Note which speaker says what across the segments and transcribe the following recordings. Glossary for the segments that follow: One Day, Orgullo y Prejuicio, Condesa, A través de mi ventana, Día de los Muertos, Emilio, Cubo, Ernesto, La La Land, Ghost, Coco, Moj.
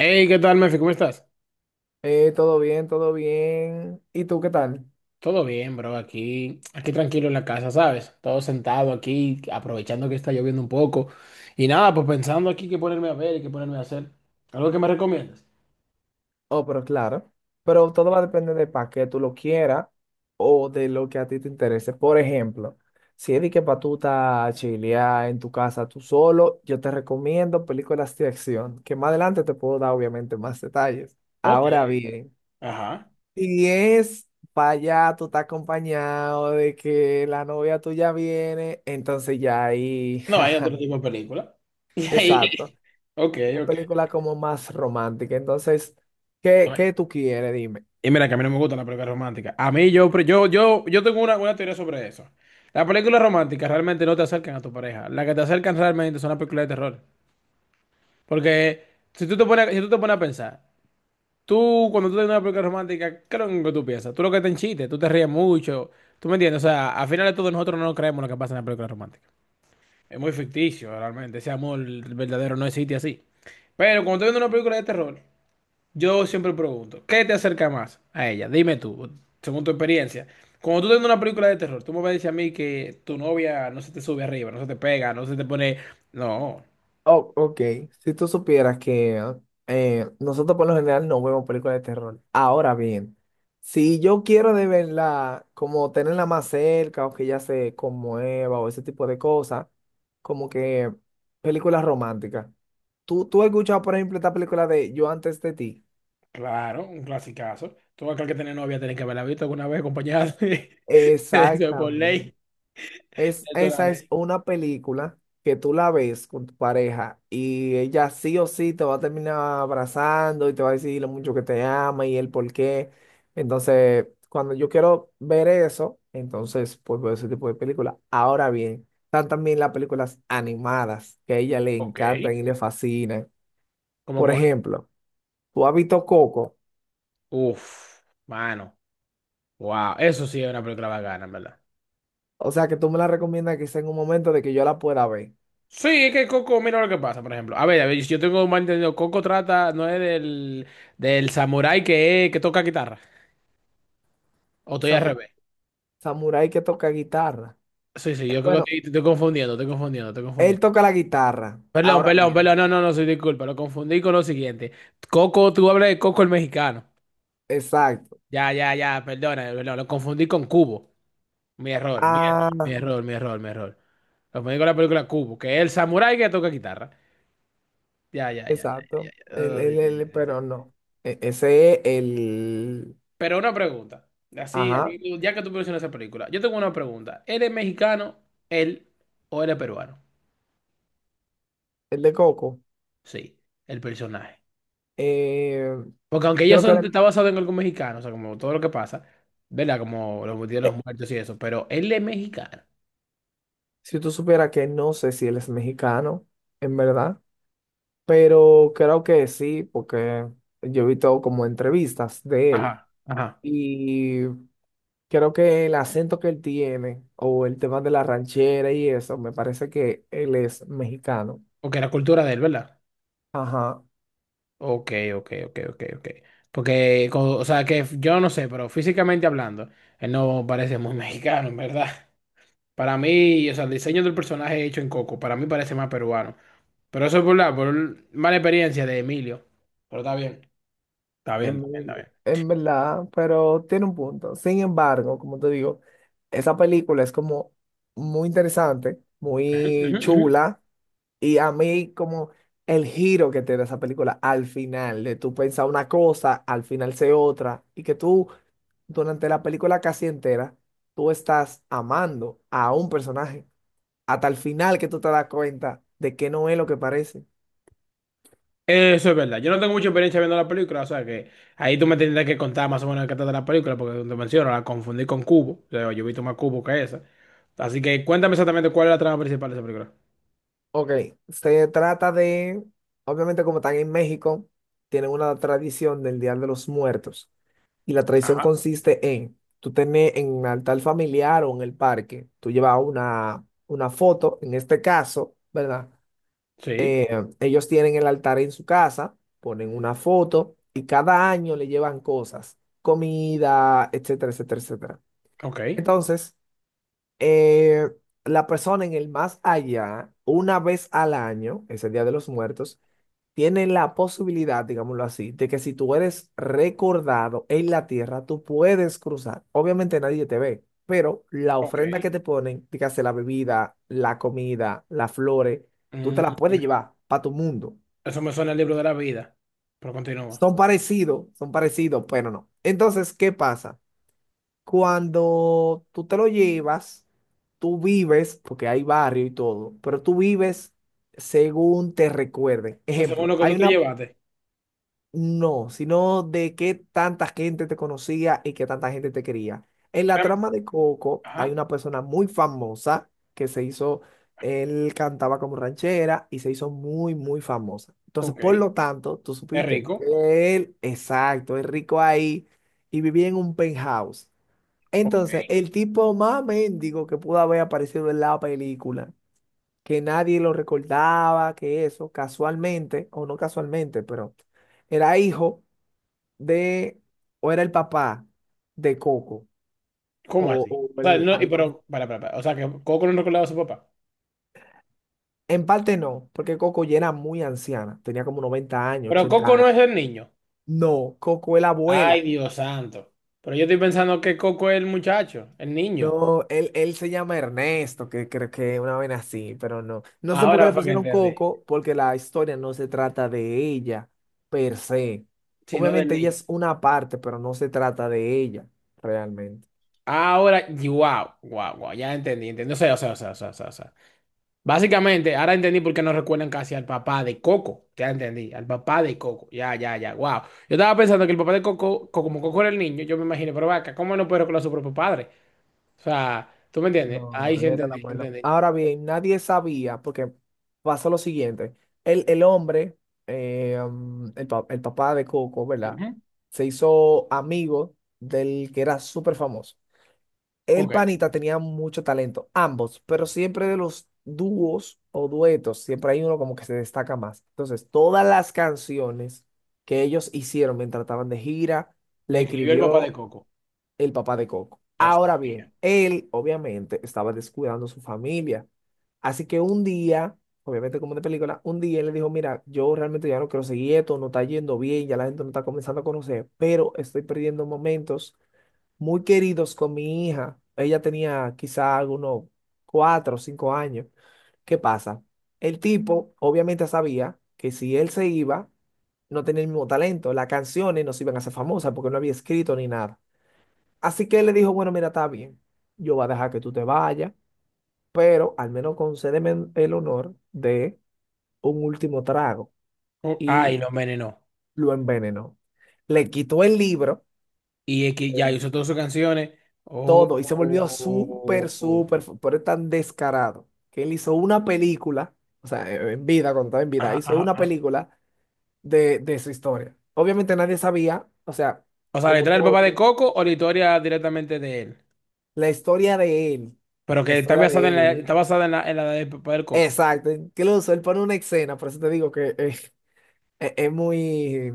Speaker 1: Hey, ¿qué tal, Mefi? ¿Cómo estás?
Speaker 2: Todo bien, todo bien. ¿Y tú qué tal?
Speaker 1: Todo bien, bro. Aquí tranquilo en la casa, ¿sabes? Todo sentado aquí, aprovechando que está lloviendo un poco. Y nada, pues pensando aquí qué ponerme a ver y qué ponerme a hacer. ¿Algo que me recomiendas?
Speaker 2: Oh, pero claro. Pero todo va a depender de para qué tú lo quieras o de lo que a ti te interese. Por ejemplo, si es de que para tú estás chilear en tu casa tú solo, yo te recomiendo películas de acción, que más adelante te puedo dar obviamente más detalles.
Speaker 1: Ok.
Speaker 2: Ahora bien,
Speaker 1: Ajá.
Speaker 2: si es para allá tú estás acompañado de que la novia tuya viene, entonces ya ahí...
Speaker 1: No, hay otro tipo de película. Y ahí.
Speaker 2: Exacto.
Speaker 1: Ok,
Speaker 2: Es
Speaker 1: ok.
Speaker 2: película como más romántica. Entonces, ¿qué,
Speaker 1: Ay.
Speaker 2: qué tú quieres? Dime.
Speaker 1: Y mira que a mí no me gustan las películas románticas. A mí yo, pre- yo tengo una teoría sobre eso. Las películas románticas realmente no te acercan a tu pareja. Las que te acercan realmente son las películas de terror. Porque si tú te pones a pensar. Tú, cuando tú tienes una película romántica, ¿qué es lo que tú piensas? Tú lo que te enchiste, tú te ríes mucho. ¿Tú me entiendes? O sea, al final de todo, nosotros no nos creemos lo que pasa en la película romántica. Es muy ficticio, realmente. Ese amor verdadero no existe así. Pero cuando estoy viendo una película de terror, yo siempre pregunto, ¿qué te acerca más a ella? Dime tú, según tu experiencia. Cuando tú estás viendo una película de terror, tú me vas a decir a mí que tu novia no se te sube arriba, no se te pega, no se te pone... No.
Speaker 2: Oh, ok. Si tú supieras que nosotros por lo general no vemos películas de terror. Ahora bien, si yo quiero de verla, como tenerla más cerca o que ella se conmueva o ese tipo de cosas, como que películas románticas. ¿Tú has escuchado, por ejemplo, esta película de Yo antes de ti?
Speaker 1: Claro, un clasicazo. Todo aquel que tiene novia tiene que haberla visto alguna vez acompañada de, de eso es por
Speaker 2: Exactamente.
Speaker 1: ley.
Speaker 2: Es,
Speaker 1: Eso es la
Speaker 2: esa es
Speaker 1: ley.
Speaker 2: una película que tú la ves con tu pareja y ella sí o sí te va a terminar abrazando y te va a decir lo mucho que te ama y el por qué. Entonces, cuando yo quiero ver eso, entonces pues veo ese tipo de película. Ahora bien, están también las películas animadas que a ella le
Speaker 1: Ok.
Speaker 2: encantan y le fascinan.
Speaker 1: ¿Cómo
Speaker 2: Por
Speaker 1: cuál?
Speaker 2: ejemplo, tú has visto Coco,
Speaker 1: Uf, mano. Wow, eso sí es una película bacana, en verdad.
Speaker 2: o sea que tú me la recomiendas que sea en un momento de que yo la pueda ver.
Speaker 1: Sí, es que Coco, mira lo que pasa, por ejemplo. A ver, si yo tengo un malentendido. Coco trata, no es del samurái que toca guitarra. O estoy al
Speaker 2: Samurai,
Speaker 1: revés.
Speaker 2: samurái que toca guitarra.
Speaker 1: Sí, sí, yo creo que
Speaker 2: Bueno.
Speaker 1: estoy, te estoy confundiendo, estoy confundiendo, estoy
Speaker 2: Él
Speaker 1: confundiendo.
Speaker 2: toca la guitarra,
Speaker 1: Perdón,
Speaker 2: ahora
Speaker 1: perdón,
Speaker 2: bien.
Speaker 1: perdón, no, no, no, soy disculpa, lo confundí con lo siguiente. Coco, tú hablas de Coco el mexicano.
Speaker 2: Exacto.
Speaker 1: Ya, ya, ya, perdona, no, lo confundí con Cubo.
Speaker 2: Ah,
Speaker 1: Mi error. Lo confundí con la película Cubo, que es el samurái que toca guitarra. Ya, ya, ya, ya,
Speaker 2: exacto.
Speaker 1: ya.
Speaker 2: Él,
Speaker 1: Oh, sí,
Speaker 2: él,
Speaker 1: sí, sí,
Speaker 2: él,
Speaker 1: sí, sí.
Speaker 2: pero no. Ese es el,
Speaker 1: Pero una pregunta. Así, a
Speaker 2: ajá,
Speaker 1: mí, ya que tú mencionas esa película, yo tengo una pregunta. ¿Eres mexicano, él, o eres peruano?
Speaker 2: el de Coco.
Speaker 1: Sí, el personaje.
Speaker 2: Eh,
Speaker 1: Porque aunque ellos
Speaker 2: creo que era-
Speaker 1: son, está basado en algo mexicano, o sea, como todo lo que pasa, ¿verdad? Como los días de los
Speaker 2: eh,
Speaker 1: muertos y eso, pero él es mexicano.
Speaker 2: si tú supieras que no sé si él es mexicano, en verdad, pero creo que sí, porque yo he visto como entrevistas de él
Speaker 1: Ajá, ajá.
Speaker 2: y creo que el acento que él tiene o el tema de la ranchera y eso, me parece que él es mexicano.
Speaker 1: Porque la cultura de él, ¿verdad?
Speaker 2: Ajá,
Speaker 1: Ok. Porque, co- o sea, que yo no sé, pero físicamente hablando, él no parece muy mexicano, en verdad. Para mí, o sea, el diseño del personaje hecho en Coco, para mí parece más peruano. Pero eso es por la por mala experiencia de Emilio. Pero está bien, está bien, está
Speaker 2: en,
Speaker 1: bien,
Speaker 2: en verdad, pero tiene un punto. Sin embargo, como te digo, esa película es como muy interesante,
Speaker 1: está bien. Ujú,
Speaker 2: muy
Speaker 1: ujú, ujú.
Speaker 2: chula, y a mí como el giro que tiene esa película al final, de tú pensar una cosa, al final se otra, y que tú durante la película casi entera, tú estás amando a un personaje, hasta el final que tú te das cuenta de que no es lo que parece.
Speaker 1: Eso es verdad. Yo no tengo mucha experiencia viendo la película, o sea que ahí tú me tendrás que contar más o menos de qué trata la película, porque como te menciono, la confundí con Cubo. O sea, yo he visto más Cubo que esa. Así que cuéntame exactamente cuál es la trama principal de esa película.
Speaker 2: Ok, se trata de, obviamente como están en México, tienen una tradición del Día de los Muertos y la tradición consiste en, tú tenés en un altar familiar o en el parque, tú llevas una foto, en este caso, ¿verdad?
Speaker 1: Sí,
Speaker 2: Eh, Ellos tienen el altar en su casa, ponen una foto y cada año le llevan cosas, comida, etcétera, etcétera, etcétera.
Speaker 1: ok,
Speaker 2: Entonces eh, la persona en el más allá, una vez al año, ese Día de los Muertos, tiene la posibilidad, digámoslo así, de que si tú eres recordado en la tierra, tú puedes cruzar. Obviamente nadie te ve, pero la
Speaker 1: ok.
Speaker 2: ofrenda que te ponen, dígase la bebida, la comida, las flores, tú te
Speaker 1: Mm,
Speaker 2: las puedes llevar para tu mundo.
Speaker 1: eso me suena al libro de la vida, pero continúa. O
Speaker 2: Son parecidos, pero no. Entonces, ¿qué pasa? Cuando tú te lo llevas, tú vives, porque hay barrio y todo, pero tú vives según te recuerden.
Speaker 1: sea, según
Speaker 2: Ejemplo,
Speaker 1: lo que tú
Speaker 2: hay
Speaker 1: te
Speaker 2: una,
Speaker 1: llevaste.
Speaker 2: no, sino de qué tanta gente te conocía y qué tanta gente te quería. En la
Speaker 1: Em,
Speaker 2: trama de Coco hay
Speaker 1: Ajá,
Speaker 2: una persona muy famosa que se hizo, él cantaba como ranchera y se hizo muy, muy famosa. Entonces,
Speaker 1: ok.
Speaker 2: por lo tanto, tú
Speaker 1: Es
Speaker 2: supiste
Speaker 1: rico,
Speaker 2: que él, exacto, es rico ahí y vivía en un penthouse. Entonces,
Speaker 1: ok.
Speaker 2: el tipo más mendigo que pudo haber aparecido en la película, que nadie lo recordaba, que eso, casualmente, o no casualmente, pero era hijo de, o era el papá de Coco,
Speaker 1: ¿Cómo
Speaker 2: o,
Speaker 1: así? O sea, no, y
Speaker 2: algo así.
Speaker 1: pero, para. O sea, que Coco no recordaba a su papá.
Speaker 2: En parte no, porque Coco ya era muy anciana, tenía como 90 años,
Speaker 1: Pero
Speaker 2: 80
Speaker 1: Coco no
Speaker 2: años.
Speaker 1: es el niño.
Speaker 2: No, Coco es la
Speaker 1: Ay,
Speaker 2: abuela.
Speaker 1: Dios santo. Pero yo estoy pensando que Coco es el muchacho, el niño.
Speaker 2: No, él se llama Ernesto, que creo que una vez así, pero no. No sé por qué
Speaker 1: Ahora
Speaker 2: le
Speaker 1: fue que
Speaker 2: pusieron
Speaker 1: entendí.
Speaker 2: Coco, porque la historia no se trata de ella per se.
Speaker 1: Si no del
Speaker 2: Obviamente ella
Speaker 1: niño.
Speaker 2: es una parte, pero no se trata de ella realmente.
Speaker 1: Ahora, wow, wow, wow, ya entendí, entendí. O sea. Básicamente, ahora entendí por qué no recuerdan casi al papá de Coco. Ya entendí, al papá de Coco. Ya, wow. Yo estaba pensando que el papá de Coco, co- como Coco era el niño, yo me imaginé, pero vaca, ¿cómo no puedo con a su propio padre? O sea, ¿tú me entiendes?
Speaker 2: No,
Speaker 1: Ahí sí
Speaker 2: él era el
Speaker 1: entendí,
Speaker 2: abuelo.
Speaker 1: entendí.
Speaker 2: Ahora bien, nadie sabía, porque pasó lo siguiente. El hombre, el, el papá de Coco, ¿verdad?
Speaker 1: Ujú.
Speaker 2: Se hizo amigo del que era súper famoso. El
Speaker 1: Ok,
Speaker 2: panita tenía mucho talento, ambos, pero siempre de los dúos o duetos, siempre hay uno como que se destaca más. Entonces, todas las canciones que ellos hicieron mientras estaban de gira,
Speaker 1: le
Speaker 2: le
Speaker 1: escribió el papá de
Speaker 2: escribió
Speaker 1: Coco.
Speaker 2: el papá de Coco.
Speaker 1: Yo
Speaker 2: Ahora
Speaker 1: sabía.
Speaker 2: bien, él obviamente estaba descuidando su familia. Así que un día, obviamente como de película, un día él le dijo, mira, yo realmente ya no quiero seguir esto, no está yendo bien, ya la gente no está comenzando a conocer, pero estoy perdiendo momentos muy queridos con mi hija. Ella tenía quizá algunos cuatro o cinco años. ¿Qué pasa? El tipo obviamente sabía que si él se iba, no tenía el mismo talento. Las canciones no se iban a hacer famosas porque no había escrito ni nada. Así que él le dijo, bueno, mira, está bien, yo voy a dejar que tú te vayas, pero al menos concédeme el honor de un último trago.
Speaker 1: Oh, ay,
Speaker 2: Y
Speaker 1: lo envenenó.
Speaker 2: lo envenenó. Le quitó el libro.
Speaker 1: Y es que ya hizo todas sus canciones. Oh,
Speaker 2: Todo y se volvió súper,
Speaker 1: oh, oh, oh.
Speaker 2: súper, pero es tan descarado que él hizo una película, o sea, en vida, cuando estaba en vida,
Speaker 1: Ajá,
Speaker 2: hizo
Speaker 1: ajá,
Speaker 2: una
Speaker 1: ajá.
Speaker 2: película de su historia. Obviamente nadie sabía, o sea,
Speaker 1: O sea, ¿le
Speaker 2: como
Speaker 1: trae el
Speaker 2: todo,
Speaker 1: papá de Coco o la historia directamente de él?
Speaker 2: la historia de él,
Speaker 1: Pero
Speaker 2: la
Speaker 1: que está
Speaker 2: historia de él.
Speaker 1: está basada en la de Papá del Coco.
Speaker 2: Exacto, incluso él pone una escena, por eso te digo que es muy,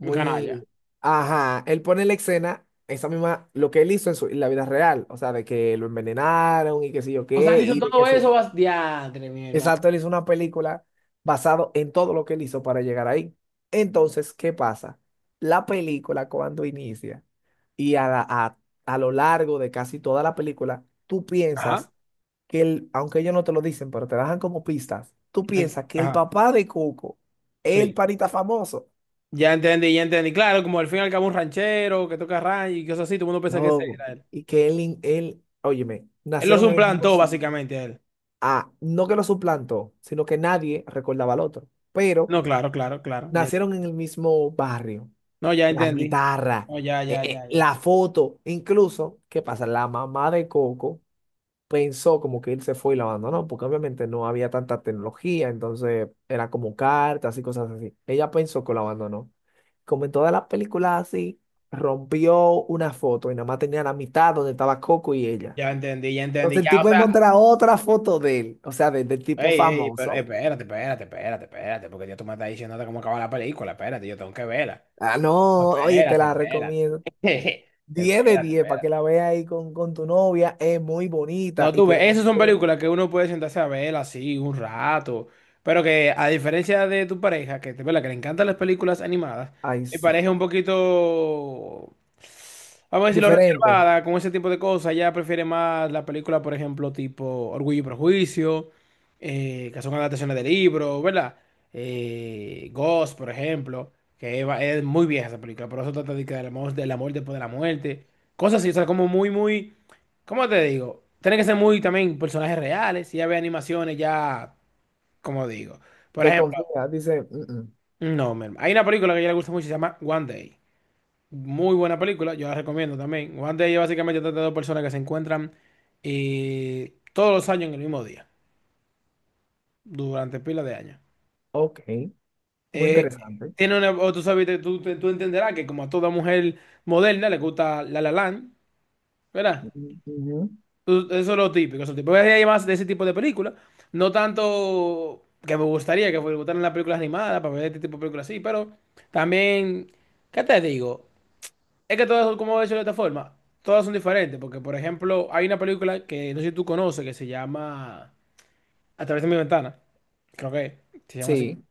Speaker 1: Mi canalla.
Speaker 2: ajá, él pone la escena. Esa misma, lo que él hizo en, su, en la vida real, o sea, de que lo envenenaron y qué sé yo
Speaker 1: O sea,
Speaker 2: qué,
Speaker 1: él hizo
Speaker 2: y de que
Speaker 1: todo
Speaker 2: se,
Speaker 1: eso, vas... diantre, mi hermano.
Speaker 2: exacto, él hizo una película basado en todo lo que él hizo para llegar ahí. Entonces, ¿qué pasa? La película cuando inicia y a lo largo de casi toda la película, tú
Speaker 1: Ajá.
Speaker 2: piensas que él, aunque ellos no te lo dicen, pero te dejan como pistas, tú piensas que el
Speaker 1: Ajá.
Speaker 2: papá de Coco es el
Speaker 1: Sí.
Speaker 2: panita famoso,
Speaker 1: Ya entendí, ya entendí. Claro, como al fin y al cabo un ranchero que toca ranch y cosas así, todo el mundo piensa que ese
Speaker 2: loco,
Speaker 1: era él.
Speaker 2: y que él, él, óyeme,
Speaker 1: Él los
Speaker 2: nacieron en el mismo
Speaker 1: suplantó,
Speaker 2: sitio.
Speaker 1: básicamente, a él.
Speaker 2: Ah, no que lo suplantó, sino que nadie recordaba al otro, pero
Speaker 1: No, claro. Ya-
Speaker 2: nacieron en el mismo barrio
Speaker 1: no, ya
Speaker 2: la
Speaker 1: entendí.
Speaker 2: guitarra,
Speaker 1: No, ya.
Speaker 2: la foto, incluso, ¿qué pasa? La mamá de Coco pensó como que él se fue y lo abandonó, porque obviamente no había tanta tecnología, entonces era como cartas y cosas así. Ella pensó que lo abandonó. Como en todas las películas así, rompió una foto y nada más tenía la mitad donde estaba Coco y ella.
Speaker 1: Ya entendí, ya entendí.
Speaker 2: Entonces el
Speaker 1: Ya, o
Speaker 2: tipo
Speaker 1: sea.
Speaker 2: encuentra otra foto de él, o sea, del tipo
Speaker 1: Ey, ey, pero
Speaker 2: famoso.
Speaker 1: espérate, porque ya tú me estás diciendo cómo acaba la película, espérate, yo tengo que verla.
Speaker 2: Ah,
Speaker 1: No,
Speaker 2: no, oye, te
Speaker 1: espérate,
Speaker 2: la
Speaker 1: espérate.
Speaker 2: recomiendo. 10 de
Speaker 1: Espérate,
Speaker 2: 10 para que
Speaker 1: espérate.
Speaker 2: la veas ahí con tu novia. Es muy bonita
Speaker 1: No,
Speaker 2: y
Speaker 1: tú ves,
Speaker 2: tiene un
Speaker 1: esas son
Speaker 2: estilo-
Speaker 1: películas que uno puede sentarse a ver así un rato, pero que a diferencia de tu pareja, que te verdad que le encantan las películas animadas,
Speaker 2: Ay,
Speaker 1: mi
Speaker 2: sí.
Speaker 1: pareja es un poquito, vamos a decirlo,
Speaker 2: Diferente.
Speaker 1: reservada con ese tipo de cosas, ella prefiere más la película, por ejemplo, tipo Orgullo y Prejuicio, que son adaptaciones de libros, ¿verdad? Ghost, por ejemplo, que va- es muy vieja esa película, pero eso trata de que del amor después de la muerte, cosas así, o sea, como muy, muy... ¿Cómo te digo? Tiene que ser muy también personajes reales. Si ya ve animaciones, ya, como digo. Por
Speaker 2: De
Speaker 1: ejemplo,
Speaker 2: confianza. Dice, "Mm, mm,
Speaker 1: no, mi hermano. Hay una película que a ella le gusta mucho, se llama One Day. Muy buena película, yo la recomiendo también. One Day es básicamente trata de dos personas que se encuentran todos los años en el mismo día, durante pila de años.
Speaker 2: ok. Muy
Speaker 1: Eh,
Speaker 2: interesante.
Speaker 1: Tiene una, o tú sabes, tú entenderás que como a toda mujer moderna le gusta La La Land, ¿verdad?
Speaker 2: Mm, ujú.
Speaker 1: Tú- Eso es lo típico, eso es lo típico. Hay más de ese tipo de películas. No tanto que me gustaría que me gustaran las películas animadas para ver este tipo de películas así, pero también, ¿qué te digo? Es que todas, son, como he dicho de esta forma, todas son diferentes. Porque, por ejemplo, hay una película que no sé si tú conoces que se llama A través de mi ventana. Creo que se llama así.
Speaker 2: Sí,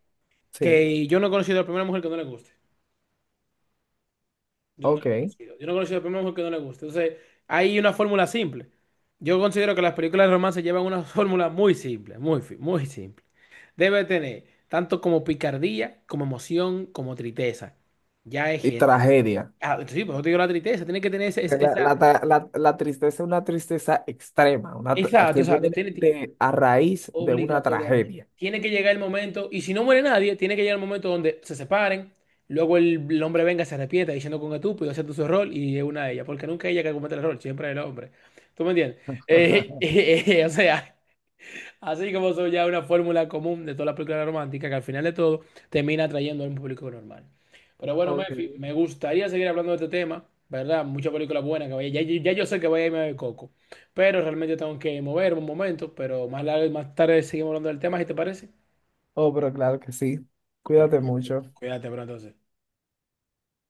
Speaker 2: sí.
Speaker 1: Que yo no he conocido a la primera mujer que no le guste. Yo no lo he
Speaker 2: Ok.
Speaker 1: conocido. Yo no he conocido a Batman porque no le gusta. Entonces, hay una fórmula simple. Yo considero que las películas de romance llevan una fórmula muy simple, muy simple. Debe tener tanto como picardía, como emoción, como tristeza. Ya es
Speaker 2: Y
Speaker 1: genérico.
Speaker 2: tragedia.
Speaker 1: Ah, sí, pero yo te digo la tristeza. Tiene que tener
Speaker 2: Porque
Speaker 1: esa...
Speaker 2: La tristeza es una tristeza extrema, una,
Speaker 1: Exacto,
Speaker 2: que viene
Speaker 1: exacto.
Speaker 2: de,
Speaker 1: Tiene,
Speaker 2: a raíz de una
Speaker 1: obligatoriamente.
Speaker 2: tragedia.
Speaker 1: Tiene que llegar el momento, y si no muere nadie, tiene que llegar el momento donde se separen, luego el hombre venga, y se arrepienta diciendo que un estúpido acepta su error y es una de ellas, porque nunca es ella que comete el error, siempre es el hombre. ¿Tú me entiendes?
Speaker 2: Ajá.
Speaker 1: O sea, así como son ya una fórmula común de todas las películas románticas que al final de todo termina atrayendo a un público normal. Pero bueno,
Speaker 2: Ok.
Speaker 1: Mefi, me gustaría seguir hablando de este tema, ¿verdad? Muchas películas buenas que vaya. Ya, ya yo sé que voy a irme a ver Coco, pero realmente tengo que moverme un momento, pero más tarde seguimos hablando del tema, si te parece.
Speaker 2: Oh, pero claro que sí. Cuídate
Speaker 1: Perfecto.
Speaker 2: mucho.
Speaker 1: Cuídate, pero entonces.